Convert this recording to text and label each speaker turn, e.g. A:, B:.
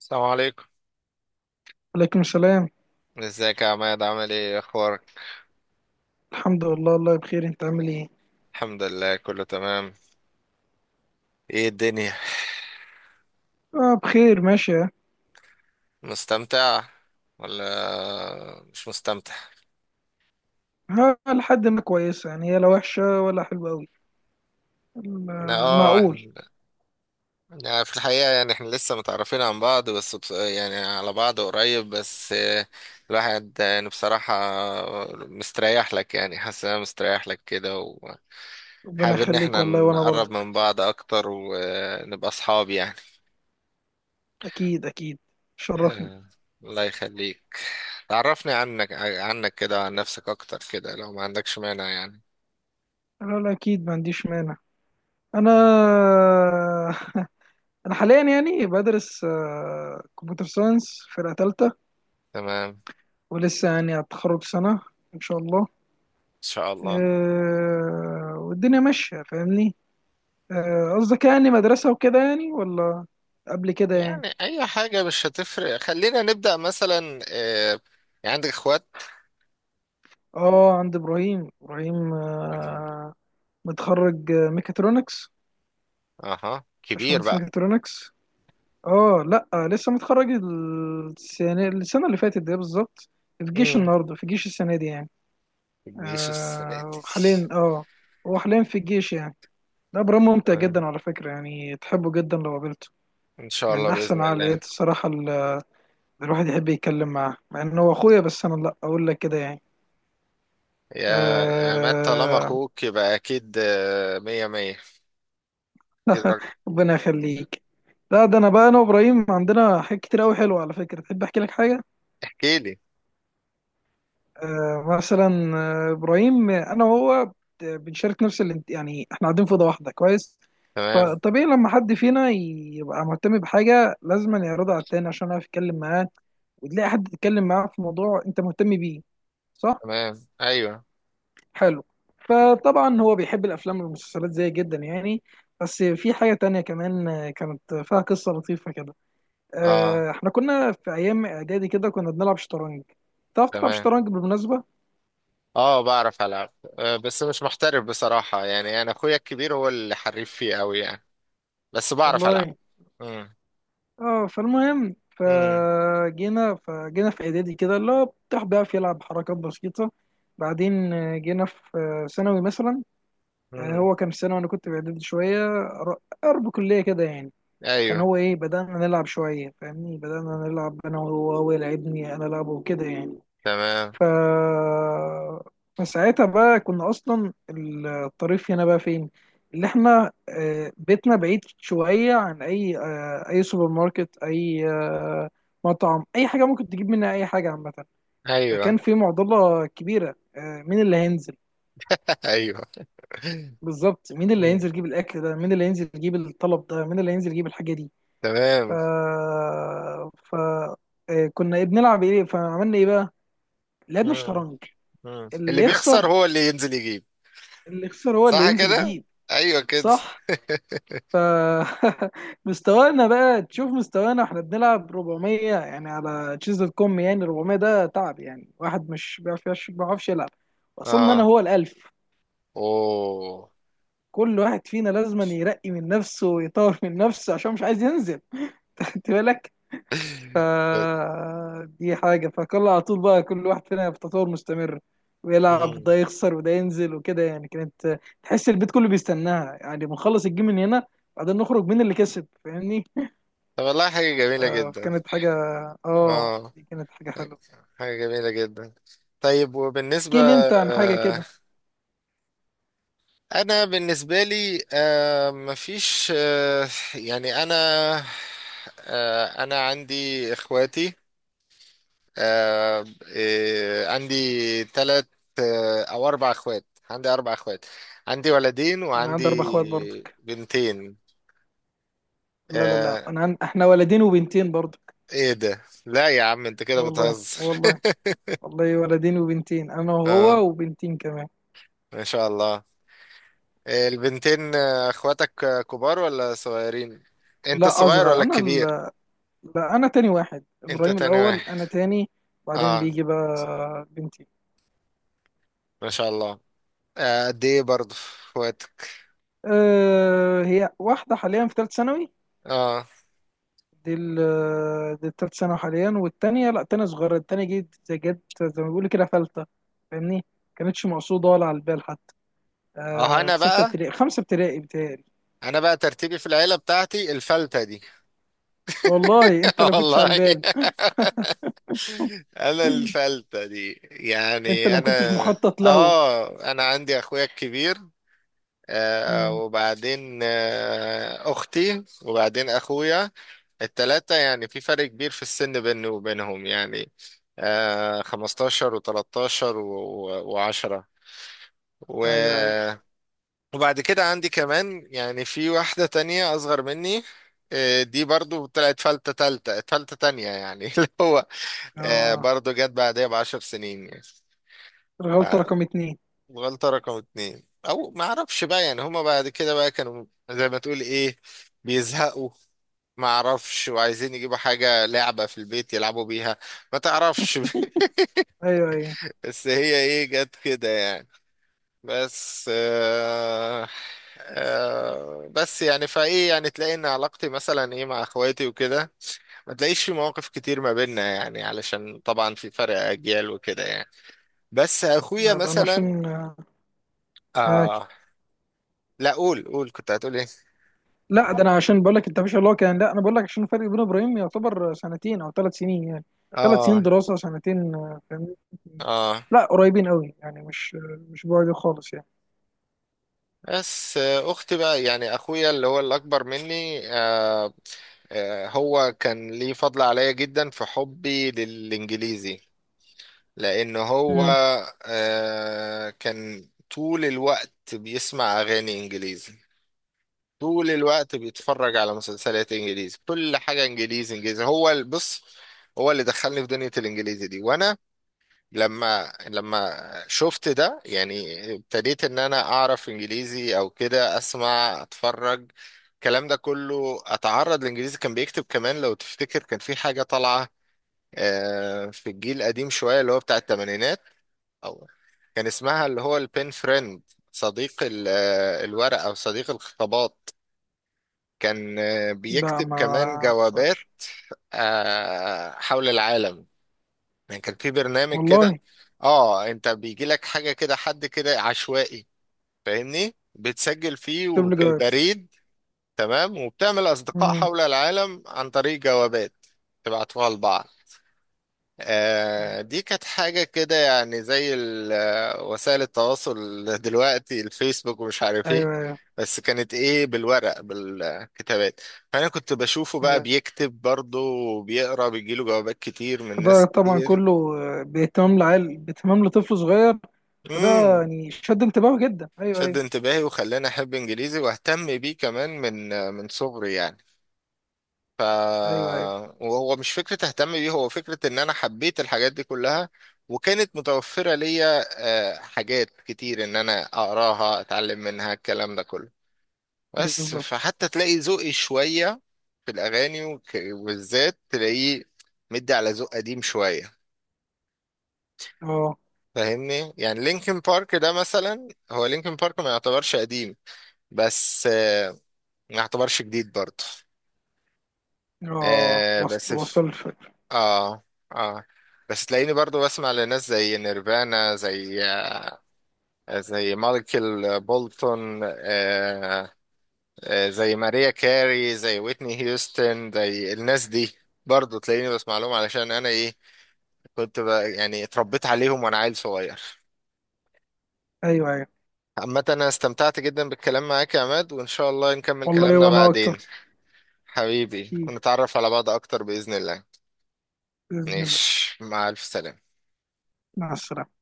A: السلام عليكم.
B: عليكم السلام.
A: ازيك يا عماد؟ عامل ايه؟ ايه اخبارك؟
B: الحمد لله، الله بخير. انت عامل ايه؟
A: الحمد لله كله تمام. ايه الدنيا؟
B: اه بخير ماشية.
A: مستمتع ولا مش مستمتع؟
B: ها، لحد ما كويسة يعني، هي لا وحشة ولا حلوة أوي.
A: لا،
B: معقول.
A: احنا يعني في الحقيقة يعني احنا لسه متعرفين عن بعض، بس يعني على بعض قريب، بس الواحد يعني بصراحة مستريح لك، يعني حاسس ان انا مستريح لك كده،
B: ربنا
A: وحابب ان
B: يخليك
A: احنا
B: والله، وأنا
A: نقرب
B: برضك.
A: من بعض اكتر ونبقى اصحاب يعني.
B: أكيد أكيد، شرفني.
A: آه، الله يخليك. تعرفني عنك كده وعن نفسك اكتر كده لو ما عندكش مانع يعني.
B: لا لا، أكيد ما عنديش مانع. أنا أنا حاليا يعني بدرس كمبيوتر ساينس، فرقة تالتة.
A: تمام، ان
B: ولسه يعني هتخرج سنة إن شاء الله.
A: شاء الله.
B: والدنيا ماشية، فاهمني. قصدك يعني مدرسة وكده يعني، ولا قبل كده يعني.
A: يعني اي حاجة مش هتفرق، خلينا نبدأ مثلا، يعني عندك اخوات؟
B: اه، عند ابراهيم. ابراهيم
A: طيب.
B: آه، متخرج، ميكاترونكس.
A: اها، كبير
B: باشمهندس
A: بقى.
B: ميكاترونكس. اه لا، لسه متخرج السنة اللي فاتت دي بالظبط. في جيش
A: امم
B: النهارده، في جيش السنة دي يعني.
A: الجيش السنة دي؟
B: آه حاليا، اه هو حاليا في الجيش يعني. ده ابراهيم ممتع
A: تمام،
B: جدا على فكرة، يعني تحبه جدا لو قابلته.
A: ان شاء
B: من
A: الله،
B: احسن
A: بإذن الله.
B: العقليات الصراحة اللي الواحد يحب يتكلم معاه، مع ان هو اخويا بس انا لا اقول لك كده يعني.
A: يا يا مات، طالما
B: آه...
A: اخوك يبقى اكيد مية مية، اكيد راجل.
B: ربنا يخليك. لا ده انا بقى، انا وابراهيم عندنا حاجات كتير قوي حلوه على فكره، تحب احكي لك حاجه؟
A: احكي لي.
B: آه مثلا، ابراهيم، انا وهو بنشارك نفس يعني احنا قاعدين في اوضه واحده، كويس.
A: تمام.
B: فطبيعي لما حد فينا يبقى مهتم بحاجه لازم يعرضها على التاني، عشان اعرف اتكلم معاه وتلاقي حد تتكلم معاه في موضوع انت مهتم بيه، صح؟
A: تمام، ايوه.
B: حلو. فطبعا هو بيحب الافلام والمسلسلات زي جدا يعني. بس في حاجه تانية كمان، كانت فيها قصه لطيفه كده.
A: اه.
B: احنا كنا في ايام اعدادي كده، كنا بنلعب شطرنج. تعرف تلعب
A: تمام.
B: شطرنج بالمناسبه؟
A: اه، بعرف العب، بس مش محترف بصراحة، يعني انا اخويا الكبير هو اللي حريف فيه قوي يعني، بس بعرف العب.
B: والله
A: امم.
B: اه. فالمهم
A: امم.
B: فجينا في اعدادي كده، اللي هو بتاع بيعرف يلعب حركات بسيطه. بعدين جينا في ثانوي مثلا.
A: امم.
B: هو كان في ثانوي وانا كنت في اعدادي شويه، قرب كليه كده يعني. كان
A: ايوه،
B: هو ايه، بدأنا نلعب شوية فاهمني، بدأنا نلعب انا وهو، هو يلعبني انا العبه وكده يعني.
A: تمام.
B: ف فساعتها بقى، كنا اصلا الطريف هنا بقى فين، اللي احنا بيتنا بعيد شوية عن اي اي سوبر ماركت، اي مطعم، اي حاجة ممكن تجيب منها اي حاجة عامة.
A: ايوه.
B: فكان في معضلة كبيرة، مين اللي هينزل.
A: ايوه.
B: بالظبط، مين اللي
A: امم.
B: هينزل يجيب الاكل ده، مين اللي هينزل يجيب الطلب ده، مين اللي هينزل يجيب الحاجة دي. ف
A: تمام.
B: ف آه، كنا إيه بنلعب ايه، فعملنا ايه بقى؟ لعبنا
A: امم.
B: شطرنج. اللي
A: اللي بيخسر
B: يخسر
A: هو اللي ينزل يجيب.
B: اللي يخسر هو اللي
A: صح
B: ينزل
A: كده.
B: يجيب.
A: ايوه كده.
B: صح. ف مستوانا بقى، تشوف مستوانا، احنا بنلعب 400 يعني على تشيز دوت كوم، يعني 400 ده تعب يعني، واحد مش بيعرف ما بيعرفش يلعب. وصلنا انا
A: اه.
B: هو الالف.
A: اوه.
B: كل واحد فينا لازم يرقي من نفسه ويطور من نفسه عشان مش عايز ينزل. انت بالك. فدي حاجة، فكل على طول بقى كل واحد فينا في تطور مستمر، ويلعب ده
A: امم
B: يخسر وده ينزل وكده يعني. كانت تحس البيت كله بيستناها، يعني بنخلص الجيم من هنا، بعدين نخرج مين اللي كسب، فاهمني.
A: طب والله، حاجة جميلة
B: آه،
A: جدا.
B: فكانت حاجة، اه
A: اه،
B: دي كانت حاجة حلوة.
A: حاجة جميلة جدا. طيب، وبالنسبة.
B: احكي لي انت عن حاجة كده.
A: انا بالنسبه لي مفيش، يعني انا، انا عندي اخواتي. آه، عندي ثلاث او اربع اخوات. عندي اربع اخوات. عندي ولدين
B: انا عندي اربع اخوات
A: وعندي
B: برضك.
A: بنتين.
B: لا لا لا،
A: آه،
B: احنا ولدين وبنتين برضك.
A: ايه ده؟ لا يا عم، انت
B: آه
A: كده
B: والله، آه
A: بتهزر.
B: والله، والله ولدين وبنتين، انا
A: اه،
B: وهو وبنتين كمان.
A: ما شاء الله. البنتين اخواتك كبار ولا صغيرين؟ انت
B: لا،
A: الصغير
B: اصغر
A: ولا
B: انا.
A: الكبير؟
B: لا، انا تاني واحد،
A: انت
B: ابراهيم
A: تاني
B: الاول
A: واحد.
B: انا تاني. بعدين
A: اه،
B: بيجي بقى بنتي.
A: ما شاء الله. قد ايه برضه في وقتك؟
B: أه، هي واحده حاليا في ثالث ثانوي.
A: اه
B: دي ال آه، دي التالت ثانوي حاليا، والتانية لا تانية صغيرة، التانية جت زي ما بيقولوا كده، فلتة، فاهمني. كانتش مقصودة ولا على البال حتى.
A: اه
B: أه
A: انا
B: في ستة
A: بقى،
B: ابتدائي، خمسة ابتدائي بتهيألي.
A: انا بقى ترتيبي في العيله بتاعتي الفلته دي.
B: والله انت اللي كنتش على
A: والله.
B: البال.
A: انا الفلته دي
B: انت اللي
A: يعني
B: ما كنتش مخطط له.
A: انا عندي اخويا الكبير،
B: مم.
A: وبعدين اختي، وبعدين اخويا. التلاته يعني في فرق كبير في السن بيني وبينهم يعني، 15 و13
B: ايوه ايوه.
A: و10. وبعد كده عندي كمان يعني في واحدة تانية أصغر مني. دي برضو طلعت فلتة تالتة، فلتة تانية يعني. اللي هو
B: اه
A: برضو جت بعدها ب10 سنين يعني.
B: الغلطة رقم اتنين.
A: فالغلطة رقم 2، أو ما أعرفش بقى. يعني هما بعد كده بقى كانوا زي ما تقول إيه، بيزهقوا، ما أعرفش، وعايزين يجيبوا حاجة لعبة في البيت يلعبوا بيها. ما تعرفش.
B: ايوه ايوه.
A: بس هي إيه، جت كده يعني. بس آه آه بس يعني، فايه يعني تلاقي ان علاقتي مثلا ايه مع اخواتي وكده، ما تلاقيش في مواقف كتير ما بيننا يعني، علشان طبعا في فرق اجيال وكده يعني. بس اخويا
B: لا، ده انا
A: مثلا
B: عشان معاك.
A: آه لا، قول قول كنت هتقول ايه.
B: لا ده انا عشان بقول لك، انت مش اللي هو كان، لا انا بقول لك عشان الفرق بين ابراهيم يعتبر سنتين او ثلاث سنين يعني. ثلاث سنين
A: اه.
B: دراسه، سنتين، فاهمني.
A: اه.
B: لا قريبين قوي يعني، مش بعيد خالص يعني.
A: بس اختي بقى، يعني اخويا اللي هو الاكبر مني، هو كان ليه فضل عليا جدا في حبي للانجليزي، لأن هو
B: امم.
A: كان طول الوقت بيسمع أغاني إنجليزي، طول الوقت بيتفرج على مسلسلات إنجليزي، كل حاجة إنجليزي إنجليزي. هو بص، هو اللي دخلني في دنيا الإنجليزي دي. وأنا لما شفت ده يعني، ابتديت إن أنا أعرف إنجليزي، أو كده أسمع، أتفرج، الكلام ده كله، أتعرض لإنجليزي. كان بيكتب كمان لو تفتكر، كان في حاجة طالعة في الجيل القديم شوية، اللي هو بتاع الثمانينات، أو كان اسمها اللي هو البين فريند، صديق الورق، أو صديق الخطابات. كان
B: لا
A: بيكتب
B: ما
A: كمان جوابات
B: اعرفش.
A: حول العالم. يعني كان في برنامج كده،
B: والله.
A: اه، انت بيجي لك حاجة كده، حد كده عشوائي، فاهمني، بتسجل فيه
B: اكتب لي
A: وفي
B: جواب.
A: البريد، تمام، وبتعمل أصدقاء
B: امم.
A: حول العالم عن طريق جوابات تبعتوها لبعض. دي كانت حاجة كده يعني زي وسائل التواصل دلوقتي، الفيسبوك ومش عارف ايه،
B: ايوه ايوه.
A: بس كانت ايه بالورق، بالكتابات. فأنا كنت بشوفه بقى
B: أيوة.
A: بيكتب برضه وبيقرا، بيجيله جوابات كتير من
B: فده
A: ناس
B: طبعا
A: كتير.
B: كله باهتمام لعيل، باهتمام لطفل صغير. فده
A: امم.
B: يعني شد انتباهه جدا. ايوه
A: شد
B: ايوه.
A: انتباهي وخلاني أحب إنجليزي وأهتم بيه كمان من من صغري يعني. ف
B: ايوه ايوه،
A: وهو مش فكرة اهتم بيه، هو فكرة ان انا حبيت الحاجات دي كلها وكانت متوفرة ليا، حاجات كتير ان انا اقراها اتعلم منها الكلام ده كله. بس
B: بالظبط.
A: فحتى تلاقي ذوقي شوية في الاغاني وبالذات تلاقيه مدي على ذوق قديم شوية،
B: اه،
A: فاهمني. يعني لينكن بارك ده مثلا، هو لينكن بارك ما يعتبرش قديم، بس ما يعتبرش جديد برضه.
B: اه،
A: بس
B: وصل الفكر.
A: اه اه بس تلاقيني برضو بسمع لناس زي نيرفانا، زي زي مايكل بولتون، آه، آه، زي ماريا كاري، زي ويتني هيوستن، زي الناس دي. برضو تلاقيني بسمع لهم علشان انا ايه، كنت بقى يعني اتربيت عليهم وانا عيل صغير.
B: ايوه ايوه.
A: عامة، انا استمتعت جدا بالكلام معاك يا عماد، وان شاء الله نكمل
B: والله
A: كلامنا
B: وانا
A: بعدين
B: اكتر.
A: حبيبي،
B: أكيد،
A: ونتعرف على بعض اكتر بإذن الله.
B: بإذن الله.
A: ماشي، مع الف سلامة.
B: مع السلامة.